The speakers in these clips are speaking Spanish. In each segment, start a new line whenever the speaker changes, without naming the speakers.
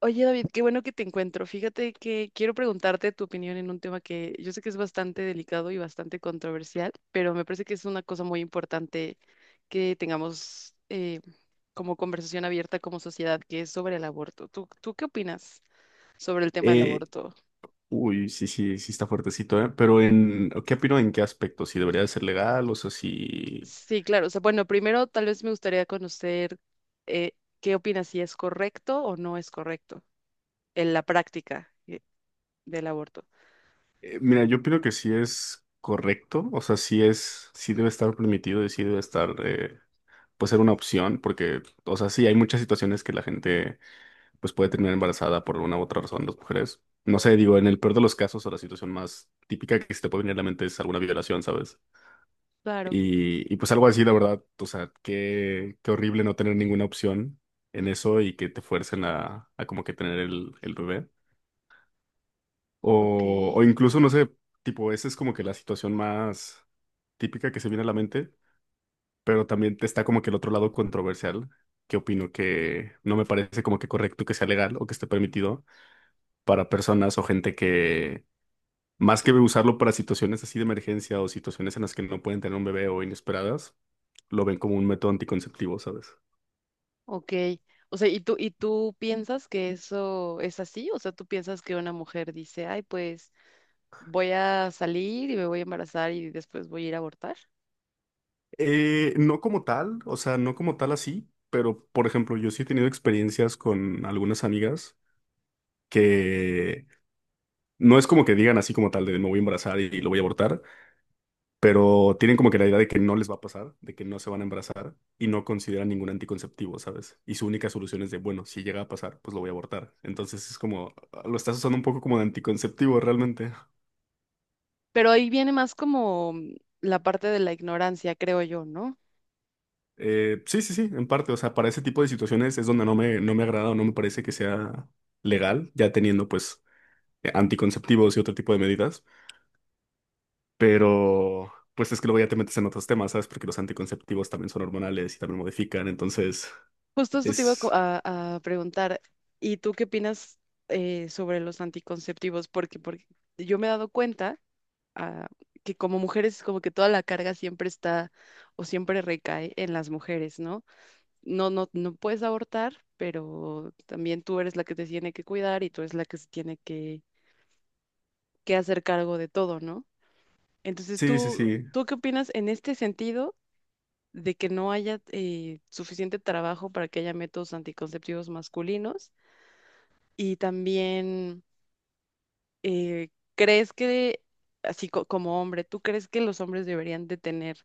Oye, David, qué bueno que te encuentro. Fíjate que quiero preguntarte tu opinión en un tema que yo sé que es bastante delicado y bastante controversial, pero me parece que es una cosa muy importante que tengamos como conversación abierta como sociedad, que es sobre el aborto. ¿Tú qué opinas sobre el tema del
Eh,
aborto?
uy, sí, sí, sí está fuertecito, ¿eh? ¿Qué opino en qué aspecto? ¿Si debería de ser legal? O sea, si...
Sí, claro. O sea, bueno, primero tal vez me gustaría conocer eh, qué opinas, si es correcto o no es correcto en la práctica del aborto.
mira, yo opino que sí es correcto, o sea, sí debe estar permitido y sí debe estar, pues ser una opción, porque, o sea, sí hay muchas situaciones que la gente, pues puede terminar embarazada por una u otra razón, las mujeres. No sé, digo, en el peor de los casos o la situación más típica que se te puede venir a la mente es alguna violación, ¿sabes?
Claro,
Y pues algo así, la verdad, o sea, qué horrible no tener ninguna opción en eso y que te fuercen a como que tener el bebé.
ok.
O incluso, no sé, tipo, esa es como que la situación más típica que se viene a la mente, pero también te está como que el otro lado controversial, que opino que no me parece como que correcto que sea legal o que esté permitido para personas o gente que, más que usarlo para situaciones así de emergencia o situaciones en las que no pueden tener un bebé o inesperadas lo ven como un método anticonceptivo, ¿sabes?
Ok. O sea, ¿y tú piensas que eso es así? O sea, ¿tú piensas que una mujer dice, ay, pues voy a salir y me voy a embarazar y después voy a ir a abortar?
No como tal, o sea, no como tal así, pero por ejemplo, yo sí he tenido experiencias con algunas amigas que no es como que digan así como tal de me voy a embarazar y lo voy a abortar, pero tienen como que la idea de que no les va a pasar, de que no se van a embarazar y no consideran ningún anticonceptivo, ¿sabes? Y su única solución es de, bueno, si llega a pasar, pues lo voy a abortar. Entonces es como, lo estás usando un poco como de anticonceptivo realmente.
Pero ahí viene más como la parte de la ignorancia, creo yo, ¿no?
Sí, sí, sí, en parte. O sea, para ese tipo de situaciones es donde no me agrada o no me parece que sea legal, ya teniendo pues anticonceptivos y otro tipo de medidas. Pero pues es que luego ya te metes en otros temas, ¿sabes? Porque los anticonceptivos también son hormonales y también modifican. Entonces,
Justo esto te iba a,
es...
preguntar, ¿y tú qué opinas sobre los anticonceptivos? Porque, porque yo me he dado cuenta ah, que como mujeres como que toda la carga siempre está o siempre recae en las mujeres, ¿no? No puedes abortar, pero también tú eres la que te tiene que cuidar y tú eres la que se tiene que hacer cargo de todo, ¿no? Entonces,
Sí, sí,
¿tú,
sí.
tú qué opinas en este sentido de que no haya suficiente trabajo para que haya métodos anticonceptivos masculinos? Y también, ¿crees que, así como hombre, ¿tú crees que los hombres deberían de tener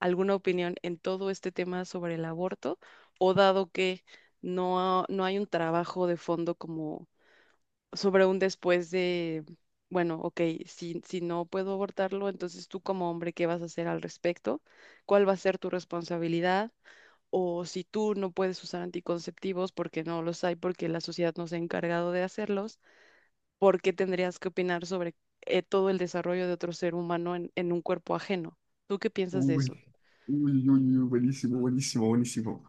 alguna opinión en todo este tema sobre el aborto? O dado que no hay un trabajo de fondo como sobre un después de, bueno, ok, si no puedo abortarlo, entonces tú como hombre, ¿qué vas a hacer al respecto? ¿Cuál va a ser tu responsabilidad? O si tú no puedes usar anticonceptivos porque no los hay, porque la sociedad no se ha encargado de hacerlos, ¿por qué tendrías que opinar sobre todo el desarrollo de otro ser humano en un cuerpo ajeno? ¿Tú qué piensas de
Uy,
eso?
uy, uy, uy, buenísimo, buenísimo, buenísimo.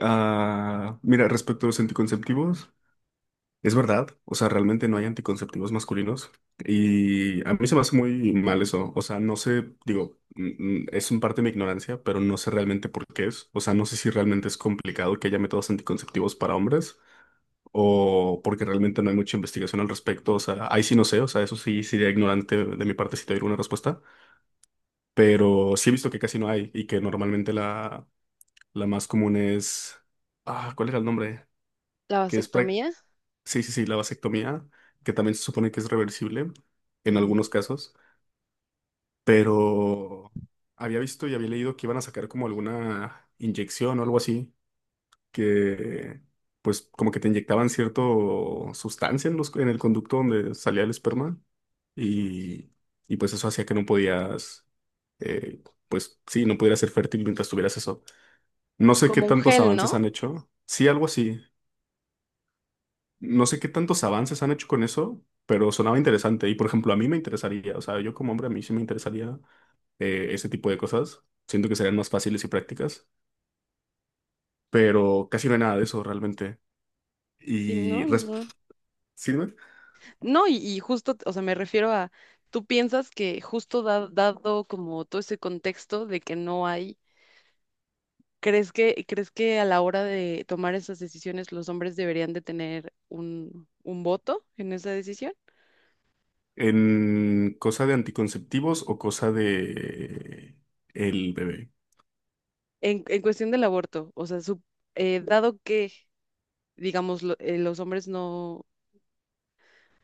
Ah, mira, respecto a los anticonceptivos. Es verdad, o sea, realmente no hay anticonceptivos masculinos y a mí se me hace muy mal eso, o sea, no sé, digo, es un parte de mi ignorancia, pero no sé realmente por qué es, o sea, no sé si realmente es complicado que haya métodos anticonceptivos para hombres o porque realmente no hay mucha investigación al respecto, o sea, ahí sí no sé, o sea, eso sí sería ignorante de mi parte si te doy una respuesta, pero sí he visto que casi no hay y que normalmente la más común es, ah, ¿cuál era el nombre?
¿La
Que es prácticamente
vasectomía?
sí, sí, sí, la vasectomía, que también se supone que es reversible en
Ujú.
algunos casos, pero había visto y había leído que iban a sacar como alguna inyección o algo así, que pues como que te inyectaban cierto sustancia en en el conducto donde salía el esperma y, y pues eso hacía que no podías, eh, pues sí, no pudieras ser fértil mientras tuvieras eso. No sé qué
Como un
tantos
gel, ¿no?
avances han hecho. Sí, algo así. No sé qué tantos avances han hecho con eso, pero sonaba interesante. Y por ejemplo, a mí me interesaría, o sea, yo como hombre a mí sí me interesaría ese tipo de cosas. Siento que serían más fáciles y prácticas, pero casi no hay nada de eso realmente.
Y
Y res- sí, dime,
No, y justo, o sea, me refiero a, tú piensas que justo dado como todo ese contexto de que no hay, crees que a la hora de tomar esas decisiones los hombres deberían de tener un voto en esa decisión?
en cosa de anticonceptivos o cosa de el bebé.
En cuestión del aborto, o sea, dado que, digamos, los hombres no,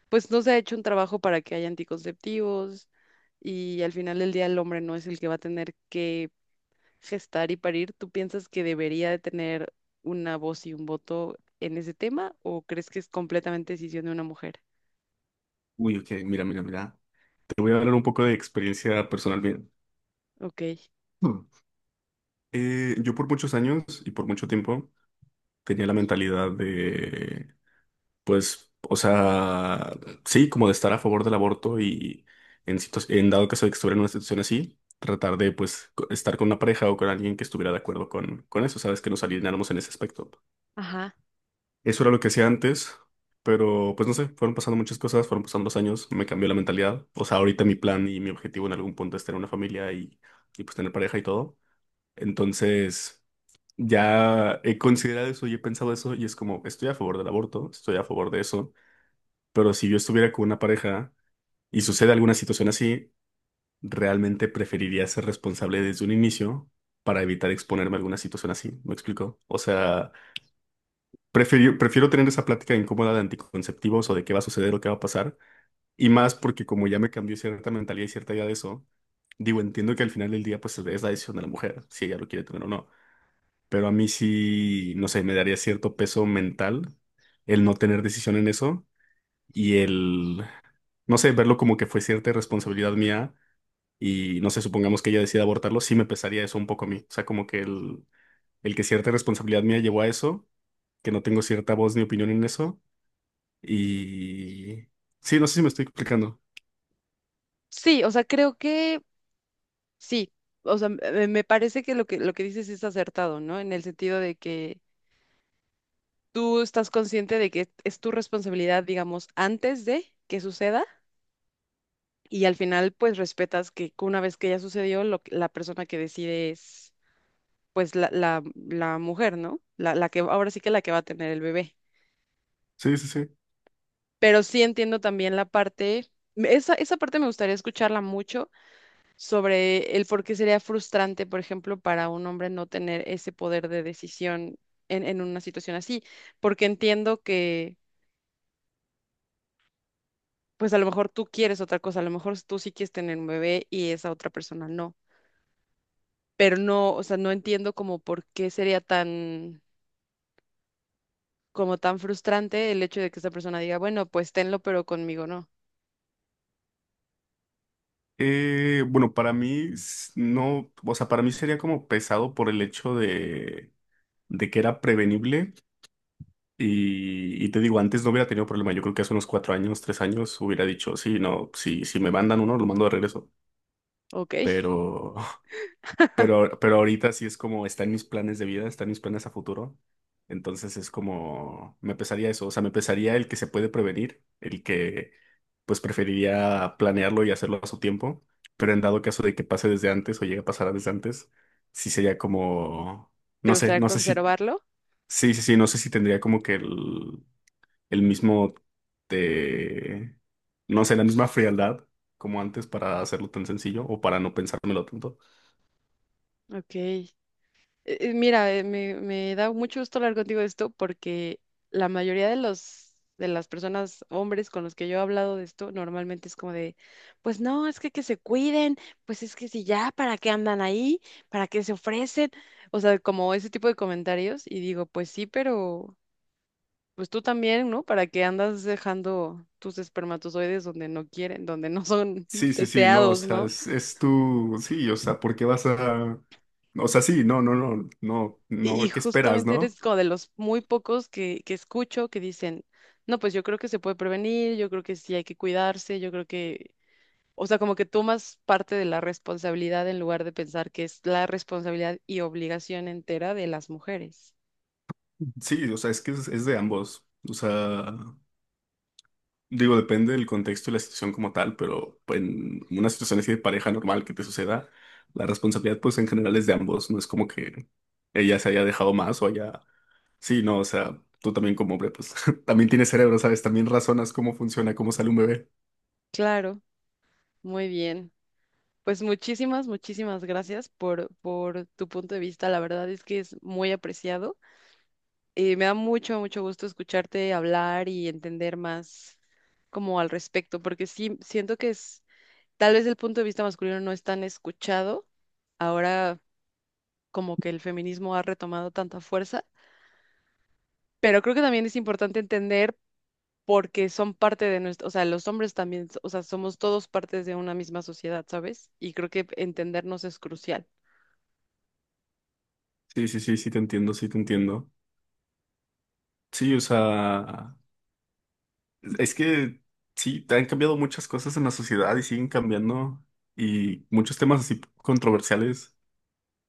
pues no se ha hecho un trabajo para que haya anticonceptivos y al final del día el hombre no es el que va a tener que gestar y parir, ¿tú piensas que debería de tener una voz y un voto en ese tema o crees que es completamente decisión de una mujer?
Uy, ok, mira, mira, mira. Te voy a hablar un poco de experiencia personal bien.
Ok,
Hmm. Yo por muchos años y por mucho tiempo tenía la mentalidad de pues, o sea, sí, como de estar a favor del aborto y en, en dado caso de que estuviera en una situación así, tratar de, pues, estar con una pareja o con alguien que estuviera de acuerdo con eso, ¿sabes? Que nos alineáramos en ese aspecto.
ajá.
Eso era lo que hacía antes, pero, pues, no sé, fueron pasando muchas cosas, fueron pasando los años, me cambió la mentalidad. O sea, ahorita mi plan y mi objetivo en algún punto es tener una familia y pues, tener pareja y todo. Entonces... Ya he considerado eso y he pensado eso y es como, estoy a favor del aborto, estoy a favor de eso, pero si yo estuviera con una pareja y sucede alguna situación así, realmente preferiría ser responsable desde un inicio para evitar exponerme a alguna situación así. ¿Me explico? O sea, prefiero tener esa plática incómoda de anticonceptivos o de qué va a suceder o qué va a pasar. Y más porque como ya me cambió cierta mentalidad y cierta idea de eso, digo, entiendo que al final del día pues es la decisión de la mujer, si ella lo quiere tener o no. Pero a mí sí, no sé, me daría cierto peso mental el no tener decisión en eso y el, no sé, verlo como que fue cierta responsabilidad mía y no sé, supongamos que ella decida abortarlo, sí me pesaría eso un poco a mí. O sea, como que el que cierta responsabilidad mía llevó a eso, que no tengo cierta voz ni opinión en eso y... Sí, no sé si me estoy explicando.
Sí, o sea, creo que sí. O sea, me parece que lo que dices es acertado, ¿no? En el sentido de que tú estás consciente de que es tu responsabilidad, digamos, antes de que suceda y al final pues respetas que una vez que ya sucedió, la persona que decide es pues la mujer, ¿no? La que ahora sí que la que va a tener el bebé.
Sí, sí, sí.
Pero sí entiendo también la parte, esa, esa parte me gustaría escucharla mucho sobre el por qué sería frustrante, por ejemplo, para un hombre no tener ese poder de decisión en una situación así, porque entiendo que, pues a lo mejor tú quieres otra cosa, a lo mejor tú sí quieres tener un bebé y esa otra persona no, pero no, o sea, no entiendo como por qué sería tan, como tan frustrante el hecho de que esa persona diga, bueno, pues tenlo, pero conmigo no,
Bueno, no, o sea, para mí sería como pesado por el hecho de que era prevenible. Y te digo, antes no hubiera tenido problema. Yo creo que hace unos cuatro años, tres años, hubiera dicho, sí, no, si me mandan uno, lo mando de regreso.
¿ok?
Pero, pero ahorita sí es como, está en mis planes de vida, está en mis planes a futuro. Entonces es como, me pesaría eso. O sea, me pesaría el que se puede prevenir, el que pues preferiría planearlo y hacerlo a su tiempo. Pero en dado caso de que pase desde antes o llegue a pasar desde antes, sí sería como, no
¿Te
sé,
gustaría
no sé si,
conservarlo?
sí, sí, sí, no sé si tendría como que el mismo, eh, no sé, la misma frialdad como antes para hacerlo tan sencillo o para no pensármelo tanto.
Ok. Mira, me da mucho gusto hablar contigo de esto porque la mayoría de los de las personas, hombres con los que yo he hablado de esto, normalmente es como de, pues no, es que se cuiden, pues es que si ya, ¿para qué andan ahí? ¿Para qué se ofrecen? O sea, como ese tipo de comentarios y digo, pues sí, pero pues tú también, ¿no? ¿Para qué andas dejando tus espermatozoides donde no quieren, donde no son
Sí, sí, sí, no, o
deseados,
sea,
¿no?
es tu, sí, o sea, ¿por qué vas a, o sea, sí, no, no, no, no,
Y
no, ¿qué esperas,
justamente
no?
eres como de los muy pocos que escucho que dicen, no, pues yo creo que se puede prevenir, yo creo que sí hay que cuidarse, yo creo que, o sea, como que tomas parte de la responsabilidad en lugar de pensar que es la responsabilidad y obligación entera de las mujeres.
Sí, o sea, es de ambos, o sea, digo, depende del contexto y la situación como tal, pero pues, en una situación así de pareja normal que te suceda, la responsabilidad, pues, en general es de ambos, no es como que ella se haya dejado más o haya sí, no, o sea, tú también como hombre, pues también tienes cerebro, ¿sabes? También razonas cómo funciona, cómo sale un bebé.
Claro, muy bien. Pues muchísimas, muchísimas gracias por tu punto de vista. La verdad es que es muy apreciado. Me da mucho, mucho gusto escucharte hablar y entender más como al respecto, porque sí siento que es tal vez el punto de vista masculino no es tan escuchado, ahora como que el feminismo ha retomado tanta fuerza, pero creo que también es importante entender porque son parte de nuestro, o sea, los hombres también, o sea, somos todos partes de una misma sociedad, ¿sabes? Y creo que entendernos es crucial.
Sí, sí, sí, sí, te entiendo, sí, te entiendo. Sí, o sea, es que sí, han cambiado muchas cosas en la sociedad y siguen cambiando y muchos temas así controversiales,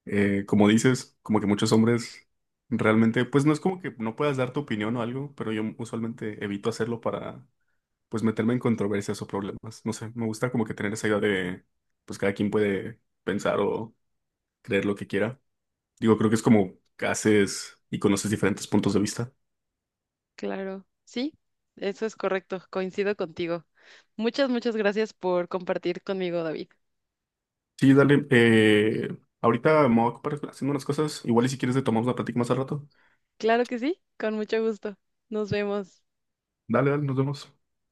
como dices, como que muchos hombres realmente, pues no es como que no puedas dar tu opinión o algo, pero yo usualmente evito hacerlo para, pues, meterme en controversias o problemas. No sé, me gusta como que tener esa idea de, pues, cada quien puede pensar o creer lo que quiera. Digo, creo que es como haces y conoces diferentes puntos de vista.
Claro, sí, eso es correcto, coincido contigo. Muchas, muchas gracias por compartir conmigo, David.
Sí, dale. Ahorita me voy a ocupar haciendo unas cosas. Igual y si quieres le tomamos la plática más al rato.
Claro que sí, con mucho gusto. Nos vemos.
Dale, dale, nos vemos.